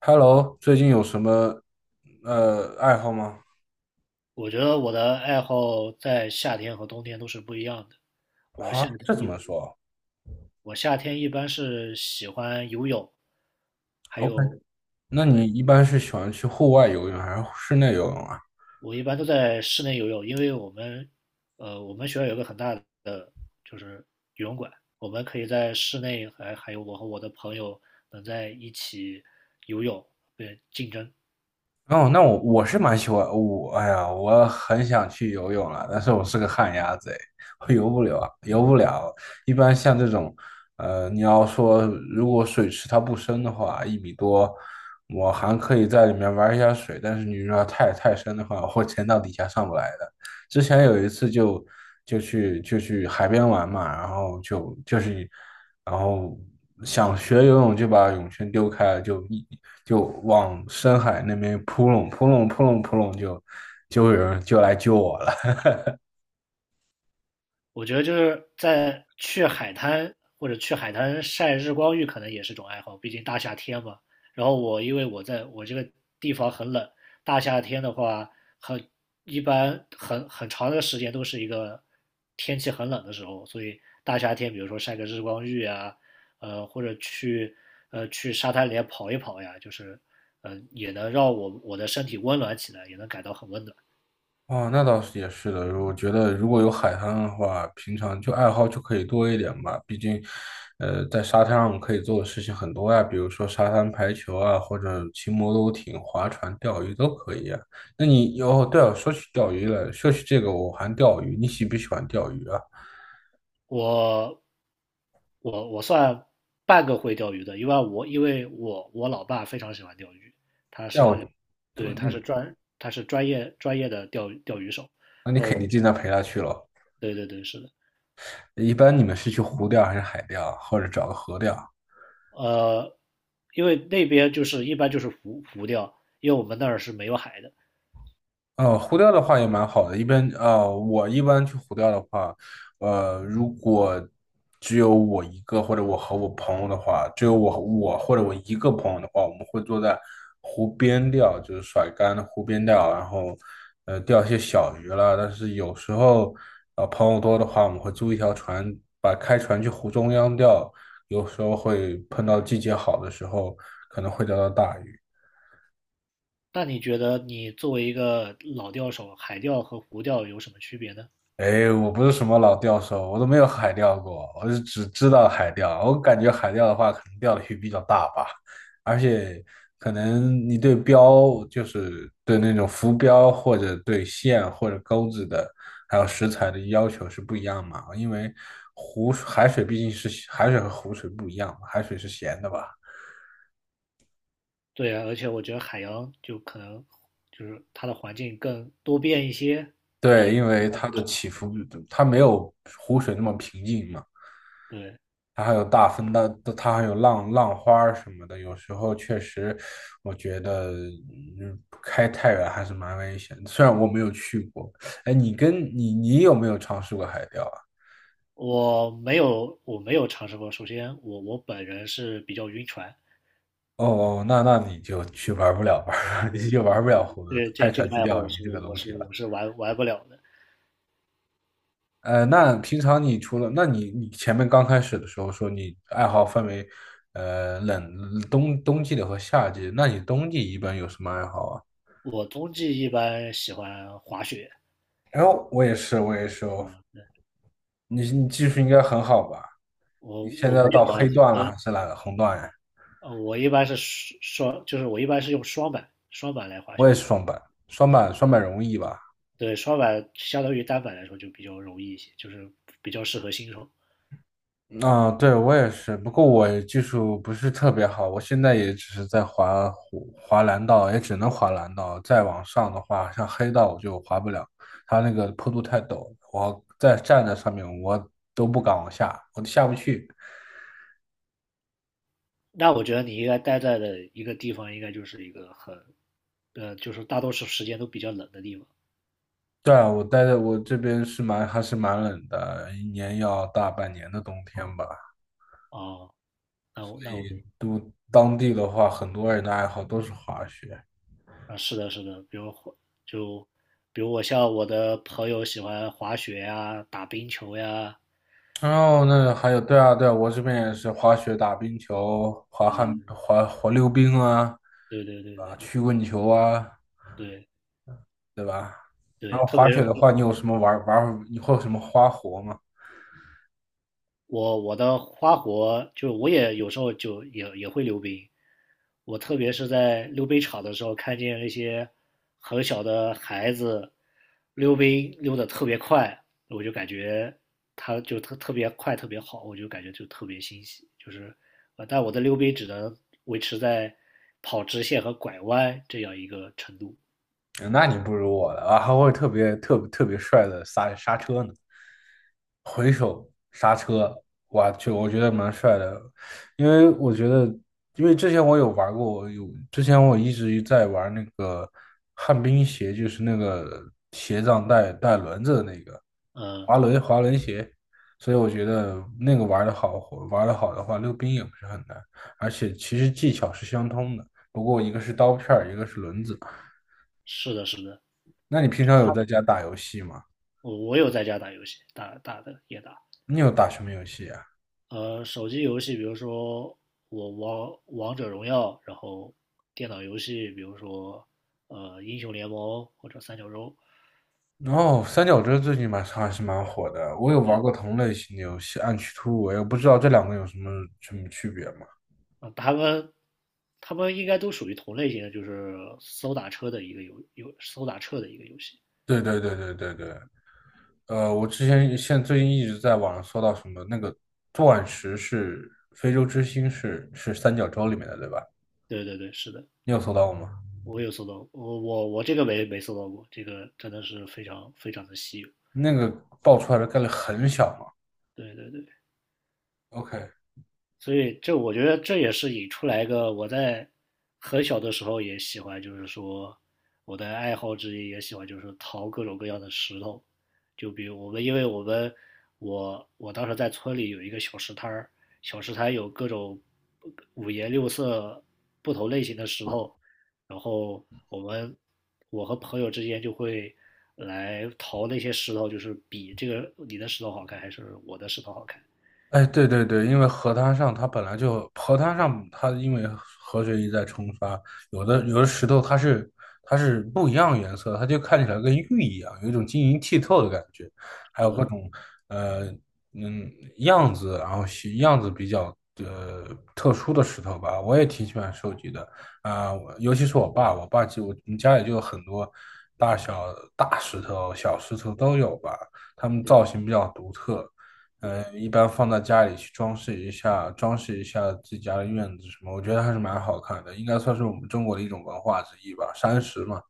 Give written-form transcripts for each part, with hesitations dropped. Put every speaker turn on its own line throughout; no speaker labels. Hello，最近有什么爱好吗？
我觉得我的爱好在夏天和冬天都是不一样的。我夏
啊，
天
这怎
一
么说
我夏天一般是喜欢游泳，还
？OK，
有，
那你
对，
一般是喜欢去户外游泳还是室内游泳啊？
我一般都在室内游泳，因为我们学校有个很大的就是游泳馆，我们可以在室内还有我和我的朋友能在一起游泳，对，竞争。
哦，那我是蛮喜欢我，哎呀，我很想去游泳了，但是我是个旱鸭子，哎，我游不了。一般像这种，你要说如果水池它不深的话，一米多，我还可以在里面玩一下水，但是你如果太深的话，我会潜到底下上不来的。之前有一次就去海边玩嘛，然后想学游泳就把泳圈丢开，就往深海那边扑棱扑棱扑棱扑棱，就有人就来救我了。
我觉得就是在去海滩或者去海滩晒日光浴，可能也是种爱好，毕竟大夏天嘛。然后因为我这个地方很冷，大夏天的话很一般很长的时间都是一个天气很冷的时候，所以大夏天比如说晒个日光浴啊，或者去沙滩里跑一跑呀，就是也能让我的身体温暖起来，也能感到很温暖。
哦，那倒是也是的。我觉得如果有海滩的话，平常就爱好就可以多一点吧。毕竟，在沙滩上可以做的事情很多呀，比如说沙滩排球啊，或者骑摩托艇、划船、钓鱼都可以啊。那你哦，对了，说起钓鱼了，说起这个，我还钓鱼，你喜不喜欢钓鱼啊？
我我算半个会钓鱼的，因为我老爸非常喜欢钓鱼，
钓
对，他是专业的钓鱼手，
那你
然后
肯定经常陪他去了。
对对对是的，
一般你们是去湖钓还是海钓，或者找个河钓？
呃，因为那边就是一般就是浮钓，因为我们那儿是没有海的。
湖钓的话也蛮好的。一般我一般去湖钓的话，如果只有我一个，或者我和我朋友的话，只有我和我或者我一个朋友的话，我们会坐在湖边钓，就是甩竿的湖边钓，然后钓一些小鱼啦。但是有时候朋友多的话，我们会租一条船，把开船去湖中央钓。有时候会碰到季节好的时候，可能会钓到大鱼。
那你觉得你作为一个老钓手，海钓和湖钓有什么区别呢？
哎，我不是什么老钓手，我都没有海钓过，我就只知道海钓。我感觉海钓的话，可能钓的鱼比较大吧，而且可能你对标，就是对那种浮标或者对线或者钩子的，还有食材的要求是不一样嘛。因为湖海水毕竟是海水和湖水不一样嘛，海水是咸的吧？
对啊，而且我觉得海洋就可能就是它的环境更多变一些，
对，
比
因为它的起伏，它没有湖水那么平静嘛。
对，
它还有大风的，它还有浪花儿什么的。有时候确实，我觉得开太远还是蛮危险的，虽然我没有去过，哎，你跟你你有没有尝试过海钓啊？
我没有，我没有尝试过。首先，我本人是比较晕船，
哦，哦，那那你就去玩不了玩儿，你就玩不了湖
这
开
这这
船
个
去
爱好
钓
我
鱼
是
这个
我
东西
是我
了。
是玩不了的。
那平常你除了，那你你前面刚开始的时候说你爱好分为，冬季的和夏季，那你冬季一般有什么爱好啊？
我冬季一般喜欢滑雪，
然后我也是，
啊、
你你技术应该很好吧？你
我
现
我
在
没
到
有啊，
黑
其
段了还
实
是哪个红段呀？
我一般是用双板来滑
我
雪，
也是双板，双
对
板双板容易吧？
对，双板相当于单板来说就比较容易一些，就是比较适合新手。
啊，对，我也是，不过我技术不是特别好，我现在也只是在滑蓝道，也只能滑蓝道。再往上的话，像黑道我就滑不了，它那个坡度太陡，我站在上面我都不敢往下，我都下不去。
那我觉得你应该待在的一个地方，应该就是一个很，就是大多数时间都比较冷的地方。
对啊，我待在我这边是蛮还是蛮冷的，一年要大半年的冬天吧。
啊、哦，那我那我明，
都
嗯
当地的话，很多人的爱好都是滑雪。
啊，是的，是的，比如滑就比如我像我的朋友喜欢滑雪呀、打冰球呀，
然后那还有，对啊，对啊，我这边也是滑雪、打冰球、滑旱、
嗯，
滑滑溜冰啊，
对对对
啊，
对对
曲棍球啊，
对
对吧？然
对，
后
特
滑
别
雪的话，你有什么玩玩？你会有什么花活吗？
我的花活就也有时候就也会溜冰，我特别是在溜冰场的时候，看见那些很小的孩子溜冰溜得特别快，我就感觉他就特别快，特别好，我就感觉就特别欣喜。就是，但我的溜冰只能维持在跑直线和拐弯这样一个程度。
那你不如我了啊，还会特别帅的刹车呢，回手刹车，哇，就我觉得蛮帅的，因为我觉得，因为之前我有玩过，我有之前我一直在玩那个旱冰鞋，就是那个鞋上带轮子的那个
嗯，
滑轮鞋，所以我觉得那个玩的好，玩的好的话，溜冰也不是很难，而且其实技巧是相通的，不过一个是刀片儿，一个是轮子。
是的，是的，
那你平常有
他
在家打游戏吗？
我有在家打游戏，打打的也打。
你有打什么游戏啊？
手机游戏，比如说王者荣耀，然后电脑游戏，比如说英雄联盟或者三角洲，
哦，三角洲最近蛮还是蛮火的，我有玩
对，
过同类型的游戏《暗区突围》，我不知道这两个有什么区别吗？
啊、他们应该都属于同类型的，就是搜打车的一个游戏。
对对对对对对，呃，我之前现最近一直在网上搜到什么那个钻石是非洲之星，是三角洲里面的对吧？
对对对，是的，
你有搜到过吗？
我有搜到，我这个没搜到过，这个真的是非常非常的稀有。
那个爆出来的概率很小嘛
对对对，
？OK，
所以我觉得这也是引出来一个我在很小的时候也喜欢，就是说我的爱好之一也喜欢，就是淘各种各样的石头。就比如我们，因为我们我我当时在村里有一个小石摊儿，小石摊有各种五颜六色、不同类型的石头，然后我和朋友之间就会来淘那些石头，就是比这个你的石头好看还是我的石头好看。
哎，对对对，因为河滩上它因为河水一再冲刷，有
对，
的有的石头它是不一样颜色，它就看起来跟玉一样，有一种晶莹剔透的感觉。
是的，
呃，嗯，样子，然后形样子比较特殊的石头吧，我也挺喜欢收集的啊，我尤其是我爸，我爸就我们家里就有很多大石头、小石头都有吧，它们
对的，
造型比较独特，
对。
一般放在家里去装饰一下，装饰一下自己家的院子什么，我觉得还是蛮好看的，应该算是我们中国的一种文化之一吧，山石嘛。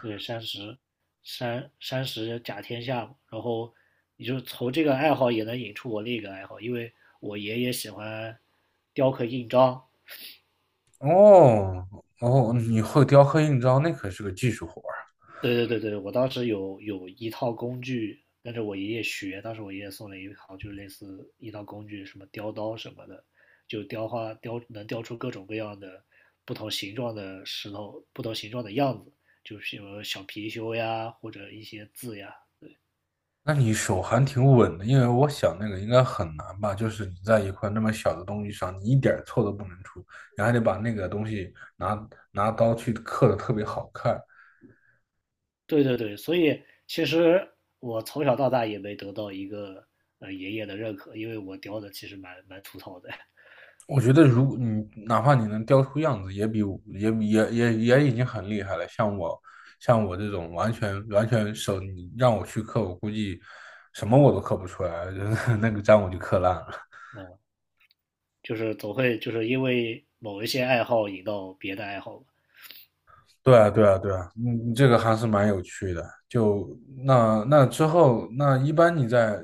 对，山石，山石甲天下，然后你就从这个爱好也能引出我另一个爱好，因为我爷爷喜欢雕刻印章。
哦哦，你会雕刻印章，那可是个技术活儿。
对对对对，我当时有一套工具跟着我爷爷学，当时我爷爷送了一套，就是类似一套工具，什么雕刀什么的，就雕花雕能雕出各种各样的不同形状的石头，不同形状的样子，就是有小貔貅呀，或者一些字呀，
那你手还挺稳的，因为我想那个应该很难吧，就是你在一块那么小的东西上，你一点儿错都不能出，你还得把那个东西拿刀去刻的特别好看。
对对对，所以其实我从小到大也没得到一个爷爷的认可，因为我雕的其实蛮粗糙的，
我觉得如果你哪怕你能雕出样子，也比我也比也也也已经很厉害了。像我像我这种完全手，你让我去刻，我估计什么我都刻不出来，就是那个章我就刻烂了。
就是总会就是因为某一些爱好引到别的爱好吧，
对啊，对啊，对啊，嗯，这个还是蛮有趣的。那那之后，那一般你在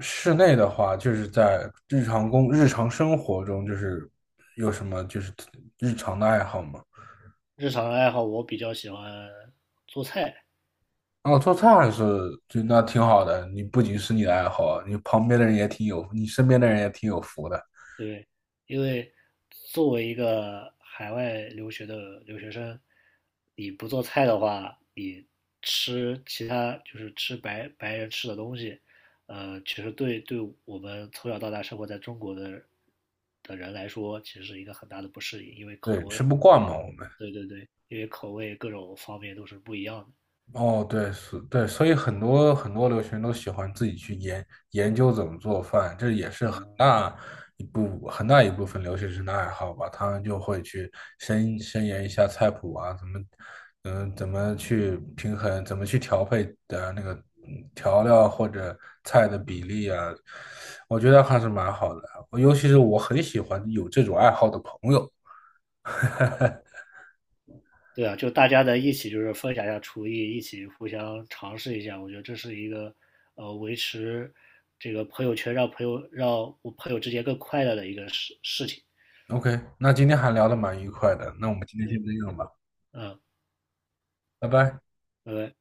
室内的话，就是在日常生活中，就是有什么就是日常的爱好吗？
日常的爱好我比较喜欢做菜，
哦，做菜还是就那挺好的。你不仅是你的爱好啊，你身边的人也挺有福的。
对，因为作为一个海外留学的留学生，你不做菜的话，你吃其他就是吃白人吃的东西，其实对对我们从小到大生活在中国的人来说，其实是一个很大的不适应，因为口
对，吃
味，
不惯嘛，我们。
对对对，因为口味各种方面都是不一样的。
哦，对，是，对，所以很多留学生都喜欢自己去研究怎么做饭，这也是很大一部分留学生的爱好吧。他们就会去深研一下菜谱啊，怎么，嗯，怎么去平衡，怎么去调配的那个调料或者菜的比例啊，我觉得还是蛮好的。尤其是我很喜欢有这种爱好的朋友。
对啊，就大家在一起就是分享一下厨艺，一起互相尝试一下，我觉得这是一个维持这个朋友圈，让我朋友之间更快乐的一个事情。
OK，那今天还聊的蛮愉快的，那我们今天先这样吧，
嗯，
拜拜。
拜拜。